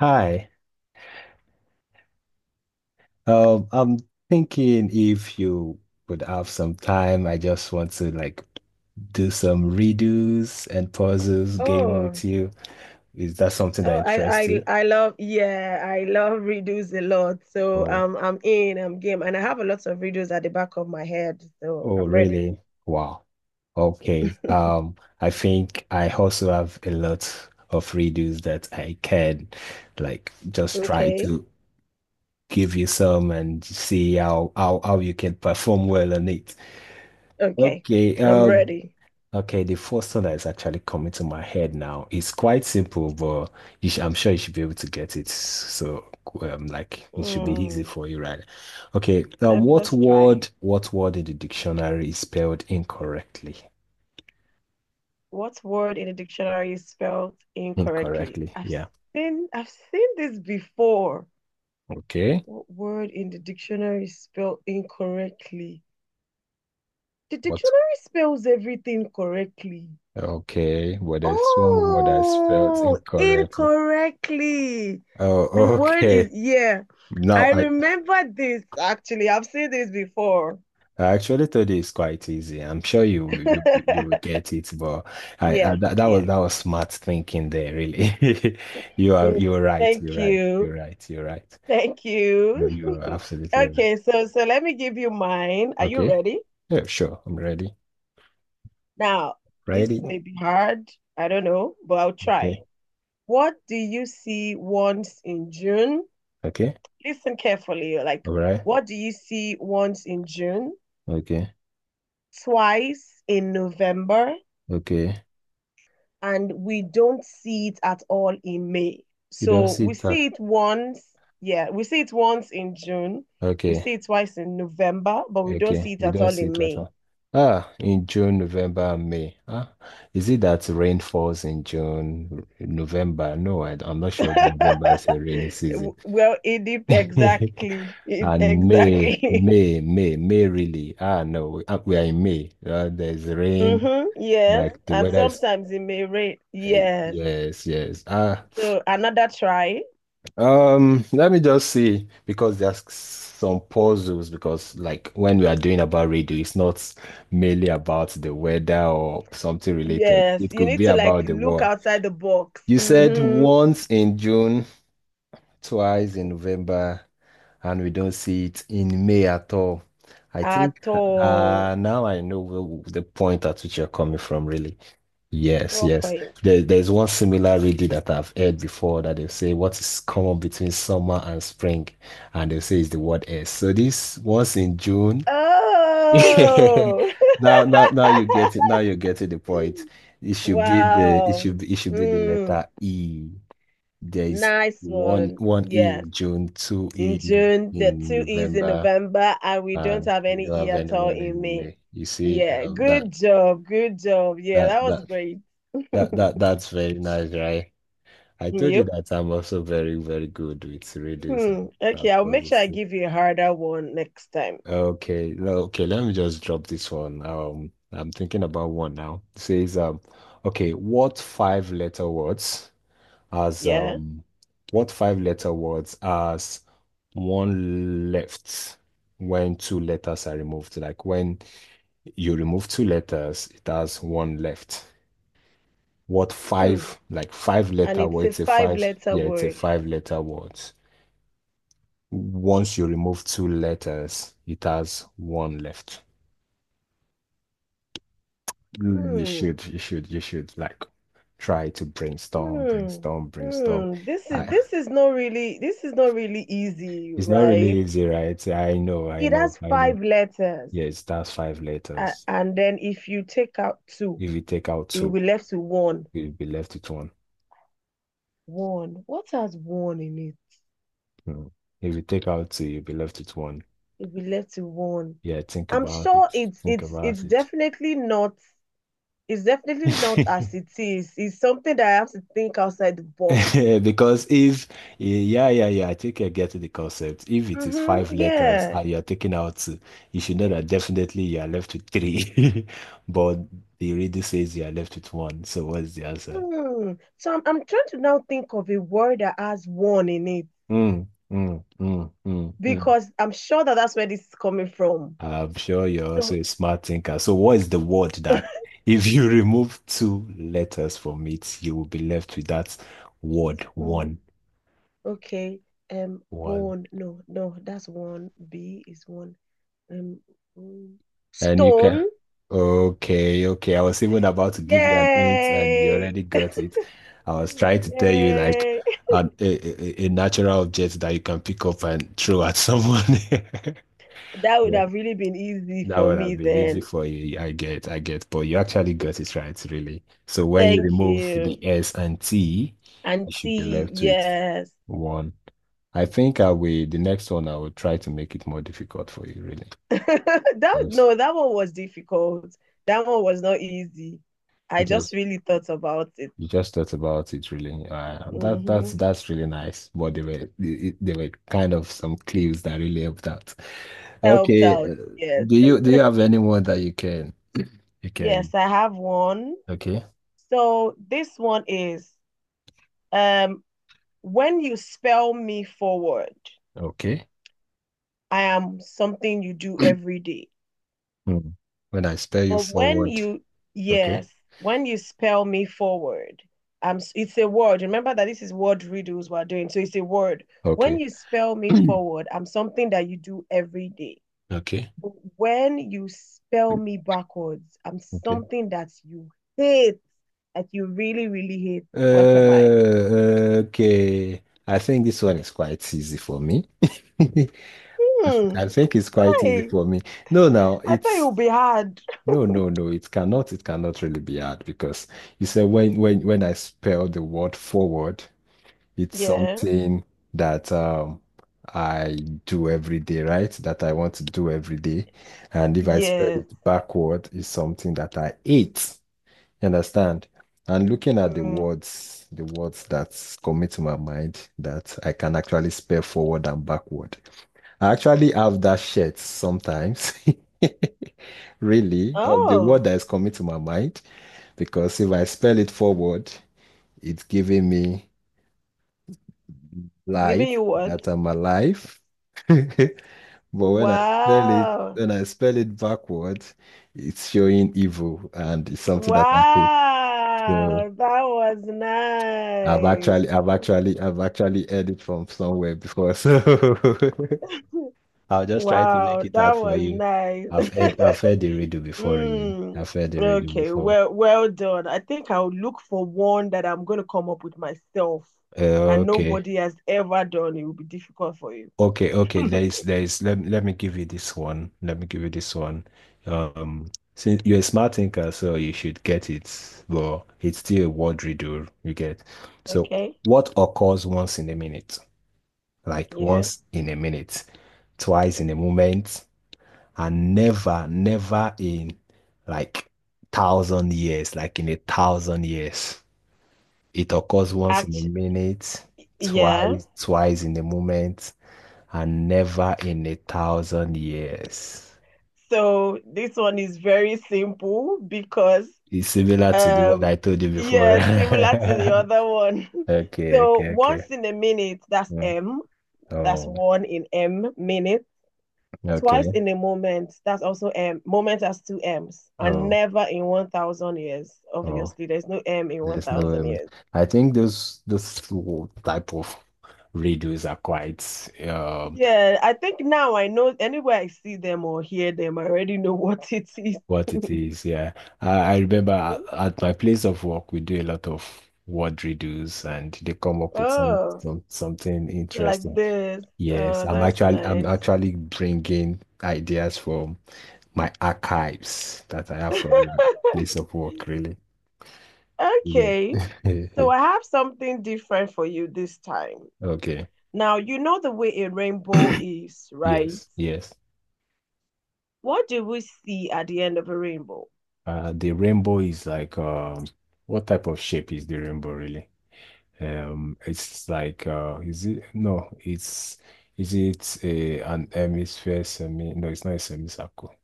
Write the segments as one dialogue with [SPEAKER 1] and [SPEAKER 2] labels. [SPEAKER 1] Hi. I'm thinking if you would have some time, I just want to like do some redos and puzzles game
[SPEAKER 2] Oh,
[SPEAKER 1] with you. Is that something
[SPEAKER 2] oh,
[SPEAKER 1] that
[SPEAKER 2] I,
[SPEAKER 1] interests
[SPEAKER 2] I,
[SPEAKER 1] you?
[SPEAKER 2] I love, yeah, I love riddles a lot.
[SPEAKER 1] Oh,
[SPEAKER 2] I'm game, and I have a lot of riddles at the back of my head. So
[SPEAKER 1] oh,
[SPEAKER 2] I'm ready.
[SPEAKER 1] really? Wow. Okay. I think I also have a lot of redos that I can like just try
[SPEAKER 2] Okay,
[SPEAKER 1] to give you some and see how you can perform well on it.
[SPEAKER 2] okay,
[SPEAKER 1] Okay.
[SPEAKER 2] I'm ready.
[SPEAKER 1] Okay, the first one that is actually coming to my head now is quite simple, but you sh I'm sure you should be able to get it. So, like it should be easy
[SPEAKER 2] Mm,
[SPEAKER 1] for you, right? Okay, now
[SPEAKER 2] let us try.
[SPEAKER 1] what word in the dictionary is spelled incorrectly?
[SPEAKER 2] What word in the dictionary is spelled incorrectly?
[SPEAKER 1] Incorrectly, yeah.
[SPEAKER 2] I've seen this before.
[SPEAKER 1] Okay,
[SPEAKER 2] What word in the dictionary is spelled incorrectly? The
[SPEAKER 1] what?
[SPEAKER 2] dictionary spells everything correctly.
[SPEAKER 1] Okay, well, there's one word that's spelled
[SPEAKER 2] Oh,
[SPEAKER 1] incorrectly.
[SPEAKER 2] incorrectly. The
[SPEAKER 1] Oh,
[SPEAKER 2] word is
[SPEAKER 1] okay.
[SPEAKER 2] yeah.
[SPEAKER 1] Now
[SPEAKER 2] I remember this actually. I've seen this before.
[SPEAKER 1] I actually thought it's quite easy. I'm sure you will get it, but I
[SPEAKER 2] Yeah,
[SPEAKER 1] that
[SPEAKER 2] yeah.
[SPEAKER 1] was that was smart thinking there, really.
[SPEAKER 2] Mm,
[SPEAKER 1] You're right. You're
[SPEAKER 2] Thank
[SPEAKER 1] right.
[SPEAKER 2] you.
[SPEAKER 1] You're right. You're right.
[SPEAKER 2] Thank
[SPEAKER 1] You're
[SPEAKER 2] you.
[SPEAKER 1] absolutely right.
[SPEAKER 2] Okay, so let me give you mine. Are you
[SPEAKER 1] Okay.
[SPEAKER 2] ready?
[SPEAKER 1] Yeah, sure. I'm ready.
[SPEAKER 2] Now, this
[SPEAKER 1] Ready.
[SPEAKER 2] may be hard. I don't know, but I'll
[SPEAKER 1] Okay.
[SPEAKER 2] try. What do you see once in June?
[SPEAKER 1] Okay.
[SPEAKER 2] Listen carefully.
[SPEAKER 1] All right.
[SPEAKER 2] What do you see once in June?
[SPEAKER 1] Okay.
[SPEAKER 2] Twice in November,
[SPEAKER 1] Okay.
[SPEAKER 2] and we don't see it at all in May.
[SPEAKER 1] You don't
[SPEAKER 2] So
[SPEAKER 1] see
[SPEAKER 2] we
[SPEAKER 1] that.
[SPEAKER 2] see it once, yeah, we see it once in June, we
[SPEAKER 1] Okay.
[SPEAKER 2] see it twice in November, but we don't
[SPEAKER 1] Okay,
[SPEAKER 2] see it
[SPEAKER 1] we
[SPEAKER 2] at
[SPEAKER 1] don't
[SPEAKER 2] all
[SPEAKER 1] see
[SPEAKER 2] in
[SPEAKER 1] it right
[SPEAKER 2] May.
[SPEAKER 1] now. Ah, in June, November, and May. Ah, is it that rain falls in June, November? No, I am not sure November is a rainy season.
[SPEAKER 2] Well,
[SPEAKER 1] And
[SPEAKER 2] exactly.
[SPEAKER 1] May really. Ah, no, we, ah, we are in May. There's rain,
[SPEAKER 2] Mm-hmm, yes,
[SPEAKER 1] like the
[SPEAKER 2] and
[SPEAKER 1] weather is.
[SPEAKER 2] sometimes it may rain. Yes.
[SPEAKER 1] Yes, yes. Ah.
[SPEAKER 2] So another try.
[SPEAKER 1] Let me just see because there's some puzzles because like when we are doing about radio, it's not mainly about the weather or something related.
[SPEAKER 2] Yes,
[SPEAKER 1] It
[SPEAKER 2] you
[SPEAKER 1] could
[SPEAKER 2] need
[SPEAKER 1] be
[SPEAKER 2] to like
[SPEAKER 1] about the
[SPEAKER 2] look
[SPEAKER 1] world.
[SPEAKER 2] outside the box.
[SPEAKER 1] You said
[SPEAKER 2] Mm-hmm.
[SPEAKER 1] once in June, twice in November, and we don't see it in May at all. I think
[SPEAKER 2] At all.
[SPEAKER 1] now I know the point at which you're coming from, really. Yes,
[SPEAKER 2] Role
[SPEAKER 1] yes.
[SPEAKER 2] playing.
[SPEAKER 1] There's one similar reading that I've heard before that they say what is common between summer and spring, and they say it's the word S. So this once in June.
[SPEAKER 2] Oh,
[SPEAKER 1] Now you get it. Now you get to the point. It should be the
[SPEAKER 2] wow.
[SPEAKER 1] it should be the
[SPEAKER 2] Mm,
[SPEAKER 1] letter E. There is
[SPEAKER 2] nice one.
[SPEAKER 1] one E
[SPEAKER 2] Yes.
[SPEAKER 1] in June, two
[SPEAKER 2] In
[SPEAKER 1] E
[SPEAKER 2] June, the
[SPEAKER 1] in
[SPEAKER 2] two is in
[SPEAKER 1] November,
[SPEAKER 2] November, and we don't
[SPEAKER 1] and
[SPEAKER 2] have
[SPEAKER 1] you
[SPEAKER 2] any
[SPEAKER 1] don't
[SPEAKER 2] E
[SPEAKER 1] have
[SPEAKER 2] at all
[SPEAKER 1] anyone
[SPEAKER 2] in
[SPEAKER 1] in
[SPEAKER 2] May.
[SPEAKER 1] May. You see,
[SPEAKER 2] Yeah, good job. Good job. Yeah,
[SPEAKER 1] that
[SPEAKER 2] that was
[SPEAKER 1] that
[SPEAKER 2] great.
[SPEAKER 1] that's very nice, right? I told you
[SPEAKER 2] Yep.
[SPEAKER 1] that I'm also very, very good with radios
[SPEAKER 2] Hmm.
[SPEAKER 1] and that
[SPEAKER 2] Okay, I'll make sure
[SPEAKER 1] poses
[SPEAKER 2] I
[SPEAKER 1] too.
[SPEAKER 2] give you a harder one next time.
[SPEAKER 1] Okay, no, okay, let me just drop this one. I'm thinking about one now. It says, okay, has
[SPEAKER 2] Yeah.
[SPEAKER 1] um what five letter words has one left when two letters are removed? Like when you remove two letters, it has one left. What
[SPEAKER 2] Hmm.
[SPEAKER 1] five, like five
[SPEAKER 2] And
[SPEAKER 1] letter
[SPEAKER 2] it's a
[SPEAKER 1] words,
[SPEAKER 2] five letter
[SPEAKER 1] yeah, it's a
[SPEAKER 2] word.
[SPEAKER 1] five letter word. Once you remove two letters, it has one left. You
[SPEAKER 2] Hmm.
[SPEAKER 1] you should like try to
[SPEAKER 2] Hmm.
[SPEAKER 1] brainstorm.
[SPEAKER 2] Hmm.
[SPEAKER 1] I,
[SPEAKER 2] This is not really this is not really easy,
[SPEAKER 1] it's not really
[SPEAKER 2] right?
[SPEAKER 1] easy, right?
[SPEAKER 2] It has
[SPEAKER 1] I know.
[SPEAKER 2] five letters,
[SPEAKER 1] Yes, that's five letters.
[SPEAKER 2] and then if you take out two,
[SPEAKER 1] If you take out
[SPEAKER 2] it will
[SPEAKER 1] two,
[SPEAKER 2] be left to one.
[SPEAKER 1] you'll be left with one.
[SPEAKER 2] One. What has one in it?
[SPEAKER 1] Hmm. If you take out two, you'll be left with one.
[SPEAKER 2] It will be left to one.
[SPEAKER 1] Yeah,
[SPEAKER 2] I'm sure it's
[SPEAKER 1] think
[SPEAKER 2] it's it's
[SPEAKER 1] about it.
[SPEAKER 2] definitely not, it's definitely not as it is. It's something that I have to think outside the box.
[SPEAKER 1] Because if, yeah, I think I get the concept. If it is
[SPEAKER 2] Mm-hmm.
[SPEAKER 1] five letters
[SPEAKER 2] Yeah.
[SPEAKER 1] and you're taking out two, you should know that definitely you are left with three. But the reader says you are left with one. So what's the answer?
[SPEAKER 2] Hmm. So I'm trying to now think of a word that has one in it,
[SPEAKER 1] Mm.
[SPEAKER 2] because I'm sure that that's where this is coming from.
[SPEAKER 1] I'm sure you're also
[SPEAKER 2] So,
[SPEAKER 1] a smart thinker. So what is the word that if you remove two letters from it, you will be left with that word one?
[SPEAKER 2] okay,
[SPEAKER 1] One.
[SPEAKER 2] bone. No, no, that's one. B is one. Um, mm,
[SPEAKER 1] And you can.
[SPEAKER 2] stone.
[SPEAKER 1] Okay, okay. I was even about to give you an hint, and you
[SPEAKER 2] Yay!
[SPEAKER 1] already got it. I was trying to tell you like
[SPEAKER 2] Yay!
[SPEAKER 1] a natural object that you can pick up and throw at someone.
[SPEAKER 2] That would
[SPEAKER 1] Yeah,
[SPEAKER 2] have really been easy
[SPEAKER 1] that
[SPEAKER 2] for
[SPEAKER 1] would
[SPEAKER 2] me
[SPEAKER 1] have been easy
[SPEAKER 2] then.
[SPEAKER 1] for you. I get. But you actually got it right, really. So when you
[SPEAKER 2] Thank
[SPEAKER 1] remove the
[SPEAKER 2] you,
[SPEAKER 1] S and T, you should be
[SPEAKER 2] Auntie.
[SPEAKER 1] left with
[SPEAKER 2] Yes.
[SPEAKER 1] one. I think I will. The next one, I will try to make it more difficult for you, really,
[SPEAKER 2] that
[SPEAKER 1] because
[SPEAKER 2] no, that one was difficult. That one was not easy. I
[SPEAKER 1] it
[SPEAKER 2] just
[SPEAKER 1] was
[SPEAKER 2] really thought about it.
[SPEAKER 1] you just thought about it really.
[SPEAKER 2] Mm-hmm.
[SPEAKER 1] That's really nice. But there were there were kind of some clues that really helped out.
[SPEAKER 2] Helped
[SPEAKER 1] Okay,
[SPEAKER 2] out. Yes.
[SPEAKER 1] do you have anyone that you can?
[SPEAKER 2] Yes, I have one.
[SPEAKER 1] Okay,
[SPEAKER 2] So this one is um when you spell me forward,
[SPEAKER 1] okay.
[SPEAKER 2] I am something you do every day.
[SPEAKER 1] Hmm. When I spell you
[SPEAKER 2] But when
[SPEAKER 1] forward,
[SPEAKER 2] you,
[SPEAKER 1] okay,
[SPEAKER 2] yes, when you spell me forward, it's a word. Remember that this is word riddles we're doing. So it's a word. When
[SPEAKER 1] okay,
[SPEAKER 2] you spell me forward, I'm something that you do every day.
[SPEAKER 1] okay,
[SPEAKER 2] But when you spell me backwards, I'm
[SPEAKER 1] okay.
[SPEAKER 2] something that you hate, that you really, really hate. What am I?
[SPEAKER 1] Okay. I think this one is quite easy for me. I
[SPEAKER 2] Hmm.
[SPEAKER 1] I think it's quite easy
[SPEAKER 2] Hey,
[SPEAKER 1] for me. No, now
[SPEAKER 2] I thought it
[SPEAKER 1] it's
[SPEAKER 2] would be hard.
[SPEAKER 1] no, it cannot really be hard because you said when I spell the word forward, it's
[SPEAKER 2] Yeah.
[SPEAKER 1] something that I do every day, right? That I want to do every day. And if I spell
[SPEAKER 2] Yes.
[SPEAKER 1] it backward, it's something that I ate. You understand? And looking at
[SPEAKER 2] Mm.
[SPEAKER 1] the words that come to my mind that I can actually spell forward and backward. I actually have that shirt sometimes. really, of the word
[SPEAKER 2] Oh,
[SPEAKER 1] that is coming to my mind, because if I spell it forward, it's giving me
[SPEAKER 2] it's giving
[SPEAKER 1] life,
[SPEAKER 2] you what?
[SPEAKER 1] that I'm alive. But
[SPEAKER 2] Wow.
[SPEAKER 1] when I spell it backwards, it's showing evil and it's something that I hate. So
[SPEAKER 2] Wow. That was nice.
[SPEAKER 1] I've actually heard it from somewhere before. So I'll just try to make
[SPEAKER 2] Wow,
[SPEAKER 1] it
[SPEAKER 2] that
[SPEAKER 1] out for
[SPEAKER 2] was
[SPEAKER 1] you.
[SPEAKER 2] nice.
[SPEAKER 1] I've heard the riddle before, really.
[SPEAKER 2] Mm.
[SPEAKER 1] I've heard the riddle
[SPEAKER 2] Okay,
[SPEAKER 1] before.
[SPEAKER 2] well, well done. I think I'll look for one that I'm going to come up with myself
[SPEAKER 1] Uh,
[SPEAKER 2] and
[SPEAKER 1] okay.
[SPEAKER 2] nobody has ever done. It will be difficult for you.
[SPEAKER 1] Okay, okay. There is. Let me give you this one. Let me give you this one. Um, since you're a smart thinker, so you should get it, but it's still a word riddle you get. So,
[SPEAKER 2] Okay,
[SPEAKER 1] what occurs once in a minute? Like
[SPEAKER 2] yeah.
[SPEAKER 1] once in a minute, twice in a moment, and never in like thousand years, like in a thousand years. It occurs once in a
[SPEAKER 2] Action.
[SPEAKER 1] minute,
[SPEAKER 2] Yeah.
[SPEAKER 1] twice in a moment and never in a thousand years.
[SPEAKER 2] So this one is very simple because
[SPEAKER 1] It's similar to the what
[SPEAKER 2] um
[SPEAKER 1] I told you before.
[SPEAKER 2] yeah, similar to the other one. So
[SPEAKER 1] Okay.
[SPEAKER 2] once in a minute, that's
[SPEAKER 1] Mm.
[SPEAKER 2] M. That's
[SPEAKER 1] Oh,
[SPEAKER 2] one in M minutes. Twice
[SPEAKER 1] okay.
[SPEAKER 2] in a moment, that's also M. Moment has two M's. And
[SPEAKER 1] Oh,
[SPEAKER 2] never in 1,000 years.
[SPEAKER 1] oh.
[SPEAKER 2] Obviously, there's no M in
[SPEAKER 1] There's no.
[SPEAKER 2] 1,000 years.
[SPEAKER 1] I think those two type of radios are quite um
[SPEAKER 2] Yeah, I think now I know anywhere I see them or hear them, I already know what it is.
[SPEAKER 1] what it is. Yeah, I, I remember at my place of work we do a lot of word radios, and they come up with
[SPEAKER 2] Oh.
[SPEAKER 1] some something
[SPEAKER 2] Like
[SPEAKER 1] interesting.
[SPEAKER 2] this.
[SPEAKER 1] Yes,
[SPEAKER 2] Oh, that's
[SPEAKER 1] I'm
[SPEAKER 2] nice.
[SPEAKER 1] actually bringing ideas from my archives that I have from my place of work, really. Yeah.
[SPEAKER 2] Okay. So I have something different for you this time.
[SPEAKER 1] Okay.
[SPEAKER 2] Now, you know the way a rainbow is, right?
[SPEAKER 1] Yes, yes.
[SPEAKER 2] What do we see at the end of a rainbow?
[SPEAKER 1] The rainbow is like what type of shape is the rainbow really? It's like is it no? It's is it a an hemisphere semi? No, it's not a semicircle.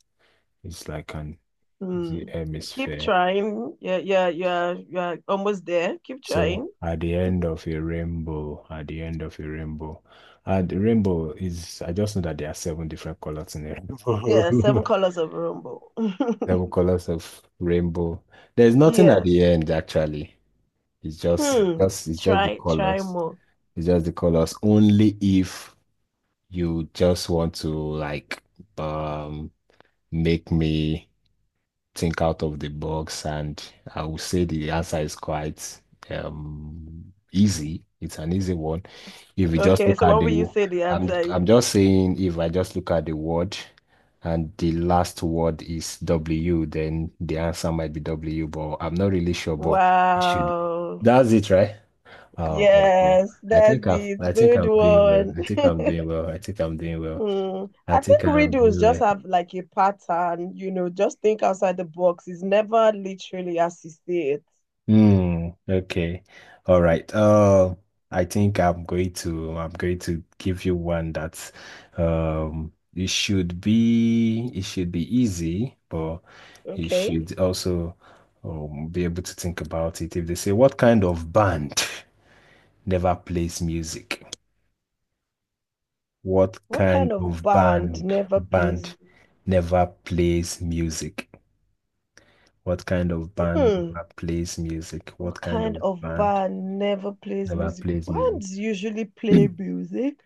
[SPEAKER 1] It's like an is it
[SPEAKER 2] Hmm. Keep
[SPEAKER 1] hemisphere?
[SPEAKER 2] trying. Yeah, yeah, yeah, yeah. Almost there. Keep
[SPEAKER 1] So
[SPEAKER 2] trying.
[SPEAKER 1] at the end of a rainbow, at the end of a rainbow, and the rainbow is, I just know that there are seven different colors in a
[SPEAKER 2] Yeah,
[SPEAKER 1] rainbow.
[SPEAKER 2] seven colors of a rainbow.
[SPEAKER 1] Seven colors of rainbow. There's nothing at the
[SPEAKER 2] Yes.
[SPEAKER 1] end actually. It's
[SPEAKER 2] Hmm.
[SPEAKER 1] it's just the
[SPEAKER 2] Try, try
[SPEAKER 1] colors.
[SPEAKER 2] more.
[SPEAKER 1] It's just the colors. Only if you just want to like um make me think out of the box, and I would say the answer is quite easy. It's an easy one. If you just
[SPEAKER 2] Okay,
[SPEAKER 1] look
[SPEAKER 2] so
[SPEAKER 1] at
[SPEAKER 2] what
[SPEAKER 1] the,
[SPEAKER 2] will you say the answer is?
[SPEAKER 1] I'm just saying if I just look at the word and the last word is W, then the answer might be W, but I'm not really sure, but it should.
[SPEAKER 2] Wow.
[SPEAKER 1] That's it, right? Oh, God.
[SPEAKER 2] Yes, that's it.
[SPEAKER 1] I think
[SPEAKER 2] Good
[SPEAKER 1] I'm doing well.
[SPEAKER 2] one.
[SPEAKER 1] I think I'm doing well. I think I'm doing well.
[SPEAKER 2] Hmm.
[SPEAKER 1] I
[SPEAKER 2] I
[SPEAKER 1] think
[SPEAKER 2] think
[SPEAKER 1] I'm
[SPEAKER 2] riddles
[SPEAKER 1] doing
[SPEAKER 2] just
[SPEAKER 1] well.
[SPEAKER 2] have like a pattern, you know, just think outside the box. It's never literally as you see it.
[SPEAKER 1] Hmm. Okay. All right. I'm going to give you one that's. um it should be easy, but you
[SPEAKER 2] Okay.
[SPEAKER 1] should also be able to think about it. If they say what kind of band never plays music? What
[SPEAKER 2] What
[SPEAKER 1] kind
[SPEAKER 2] kind of
[SPEAKER 1] of
[SPEAKER 2] band never plays?
[SPEAKER 1] band never plays music? What kind of band
[SPEAKER 2] Hmm.
[SPEAKER 1] never plays music? What
[SPEAKER 2] What
[SPEAKER 1] kind
[SPEAKER 2] kind
[SPEAKER 1] of
[SPEAKER 2] of
[SPEAKER 1] band
[SPEAKER 2] band never plays
[SPEAKER 1] never
[SPEAKER 2] music?
[SPEAKER 1] plays music?
[SPEAKER 2] Bands usually play music.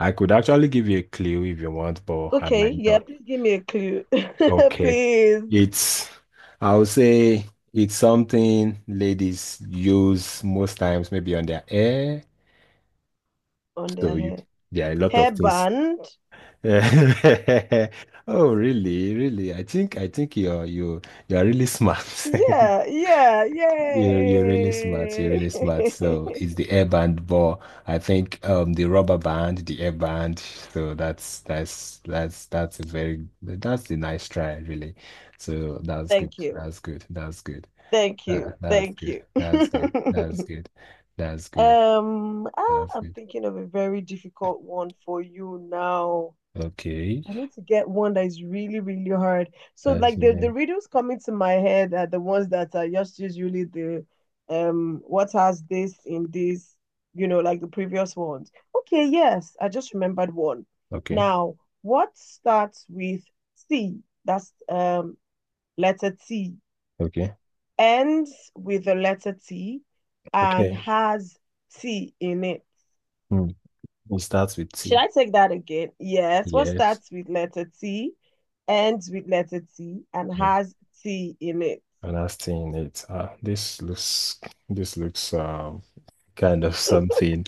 [SPEAKER 1] I could actually give you a clue if you want, but I
[SPEAKER 2] Okay.
[SPEAKER 1] might
[SPEAKER 2] Yeah.
[SPEAKER 1] not.
[SPEAKER 2] Please give me a clue.
[SPEAKER 1] Okay.
[SPEAKER 2] Please.
[SPEAKER 1] It's, I would say it's something ladies use most times, maybe on their hair.
[SPEAKER 2] On their
[SPEAKER 1] So you,
[SPEAKER 2] hair.
[SPEAKER 1] there are a lot of
[SPEAKER 2] Hair
[SPEAKER 1] things.
[SPEAKER 2] band.
[SPEAKER 1] Oh, really? Really? I think you're really smart.
[SPEAKER 2] Yeah, yeah,
[SPEAKER 1] You're really smart. You're
[SPEAKER 2] yay.
[SPEAKER 1] really smart. So it's the air band, but I think the rubber band, the air band. So that's a very that's a nice try, really. So
[SPEAKER 2] Thank you.
[SPEAKER 1] That's good.
[SPEAKER 2] Thank you.
[SPEAKER 1] That's
[SPEAKER 2] Thank
[SPEAKER 1] good.
[SPEAKER 2] you.
[SPEAKER 1] That's good. That's
[SPEAKER 2] I'm
[SPEAKER 1] good.
[SPEAKER 2] thinking of a very difficult one for you now.
[SPEAKER 1] Okay.
[SPEAKER 2] I need to get one that is really, really hard. So
[SPEAKER 1] That's
[SPEAKER 2] like the
[SPEAKER 1] good.
[SPEAKER 2] riddles coming to my head are the ones that are just usually the what has this in this, you know, like the previous ones. Okay, yes, I just remembered one.
[SPEAKER 1] Okay.
[SPEAKER 2] Now, what starts with C? That's letter T.
[SPEAKER 1] Okay.
[SPEAKER 2] Ends with the letter T and
[SPEAKER 1] Okay.
[SPEAKER 2] has T in it.
[SPEAKER 1] Hmm. It starts with
[SPEAKER 2] Should
[SPEAKER 1] T.
[SPEAKER 2] I take that again? Yes. What
[SPEAKER 1] Yes.
[SPEAKER 2] starts with letter T, ends with letter T, and
[SPEAKER 1] Hmm.
[SPEAKER 2] has T in it?
[SPEAKER 1] And that's T in it. Ah this looks this looks um kind of something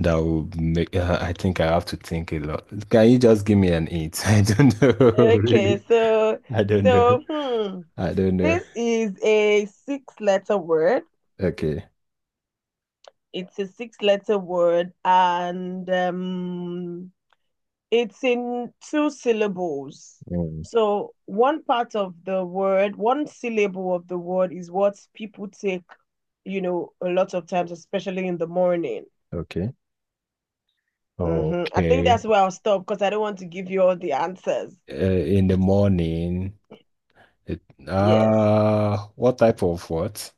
[SPEAKER 1] that would make I think I have to think a lot. Can you just give me an hint? I don't know,
[SPEAKER 2] Okay,
[SPEAKER 1] really. I don't know.
[SPEAKER 2] so hmm,
[SPEAKER 1] I don't know.
[SPEAKER 2] this is a six-letter word.
[SPEAKER 1] Okay.
[SPEAKER 2] It's a six-letter word, and it's in two syllables.
[SPEAKER 1] Mm,
[SPEAKER 2] So one part of the word, one syllable of the word is what people take, you know, a lot of times, especially in the morning.
[SPEAKER 1] okay.
[SPEAKER 2] I think that's
[SPEAKER 1] Okay.
[SPEAKER 2] where I'll stop because I don't want to give you all the answers.
[SPEAKER 1] In the morning, it,
[SPEAKER 2] Yes.
[SPEAKER 1] what type of what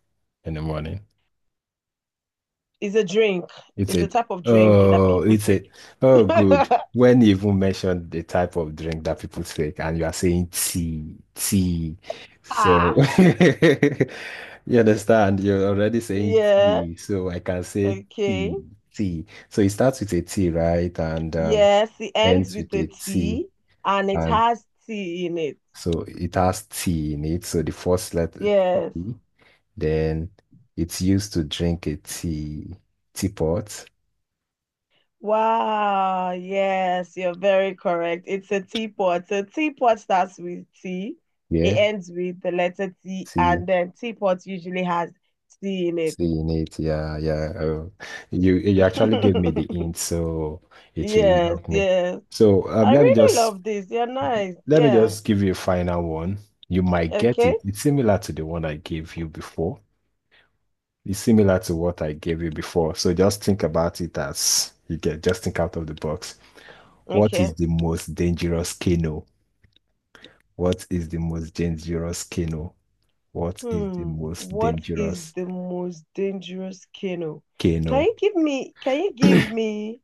[SPEAKER 1] in the morning?
[SPEAKER 2] It's a drink.
[SPEAKER 1] It's
[SPEAKER 2] It's a
[SPEAKER 1] it?
[SPEAKER 2] type of drink that
[SPEAKER 1] Oh,
[SPEAKER 2] people
[SPEAKER 1] it's
[SPEAKER 2] take.
[SPEAKER 1] it? Oh, good. When you even mentioned the type of drink that people take, and you are saying tea. So
[SPEAKER 2] Ah,
[SPEAKER 1] you understand, you're already saying
[SPEAKER 2] yeah.
[SPEAKER 1] tea. So I can say
[SPEAKER 2] Okay.
[SPEAKER 1] tea, tea. So it starts with a T, right? And
[SPEAKER 2] Yes. It ends
[SPEAKER 1] ends
[SPEAKER 2] with
[SPEAKER 1] with a
[SPEAKER 2] a
[SPEAKER 1] T.
[SPEAKER 2] T and it
[SPEAKER 1] And
[SPEAKER 2] has tea in it.
[SPEAKER 1] so it has tea in it. So the first letter
[SPEAKER 2] Yes.
[SPEAKER 1] T, then it's used to drink a tea, teapot.
[SPEAKER 2] Wow. Yes. You're very correct. It's a teapot. A teapot starts with T. It
[SPEAKER 1] Yeah.
[SPEAKER 2] ends with the letter T,
[SPEAKER 1] Tea
[SPEAKER 2] and then teapot usually has tea in
[SPEAKER 1] seeing it, yeah, yeah. Oh, you actually gave me
[SPEAKER 2] it.
[SPEAKER 1] the hint, so it really
[SPEAKER 2] Yes,
[SPEAKER 1] helped me.
[SPEAKER 2] yes.
[SPEAKER 1] So
[SPEAKER 2] I really love this. You're nice.
[SPEAKER 1] let me
[SPEAKER 2] Yeah.
[SPEAKER 1] just give you a final one. You might get it.
[SPEAKER 2] Okay.
[SPEAKER 1] It's similar to the one I gave you before. It's similar to what I gave you before. So just think about it as you get. Just think out of the box. What is
[SPEAKER 2] Okay.
[SPEAKER 1] the most dangerous canoe? What is the most dangerous canoe? What is the
[SPEAKER 2] Hmm.
[SPEAKER 1] most
[SPEAKER 2] What is
[SPEAKER 1] dangerous
[SPEAKER 2] the most dangerous canoe?
[SPEAKER 1] canoe?
[SPEAKER 2] Can you give me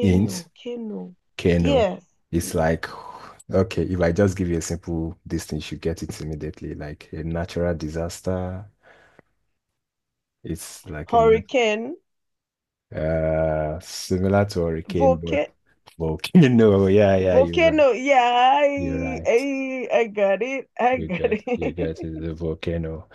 [SPEAKER 1] Hint.
[SPEAKER 2] canoe?
[SPEAKER 1] Okay, no.
[SPEAKER 2] Yes,
[SPEAKER 1] It's
[SPEAKER 2] please.
[SPEAKER 1] like, okay, if I just give you a simple this thing, you should get it immediately. Like a natural disaster, it's like a
[SPEAKER 2] Hurricane,
[SPEAKER 1] similar to hurricane, but
[SPEAKER 2] volcano,
[SPEAKER 1] volcano. Yeah, you're right.
[SPEAKER 2] volcano. Yeah,
[SPEAKER 1] You're right.
[SPEAKER 2] I got it. I
[SPEAKER 1] You're
[SPEAKER 2] got
[SPEAKER 1] good. You're
[SPEAKER 2] it.
[SPEAKER 1] good. It's a volcano.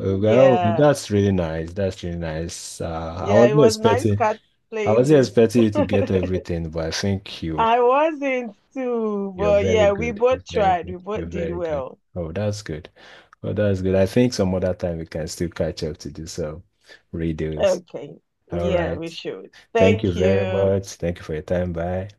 [SPEAKER 1] Well,
[SPEAKER 2] Yeah.
[SPEAKER 1] that's really nice. That's really nice.
[SPEAKER 2] Yeah, it was nice cat
[SPEAKER 1] I
[SPEAKER 2] playing
[SPEAKER 1] wasn't
[SPEAKER 2] this.
[SPEAKER 1] expecting you to get everything, but I think you
[SPEAKER 2] I wasn't too, but yeah, we both tried. We
[SPEAKER 1] You're
[SPEAKER 2] both did
[SPEAKER 1] very good.
[SPEAKER 2] well.
[SPEAKER 1] Oh, that's good. Oh, that's good. I think some other time we can still catch up to do some redos.
[SPEAKER 2] Okay.
[SPEAKER 1] All
[SPEAKER 2] Yeah,
[SPEAKER 1] right.
[SPEAKER 2] we should.
[SPEAKER 1] Thank you
[SPEAKER 2] Thank
[SPEAKER 1] very
[SPEAKER 2] you.
[SPEAKER 1] much. Thank you for your time. Bye.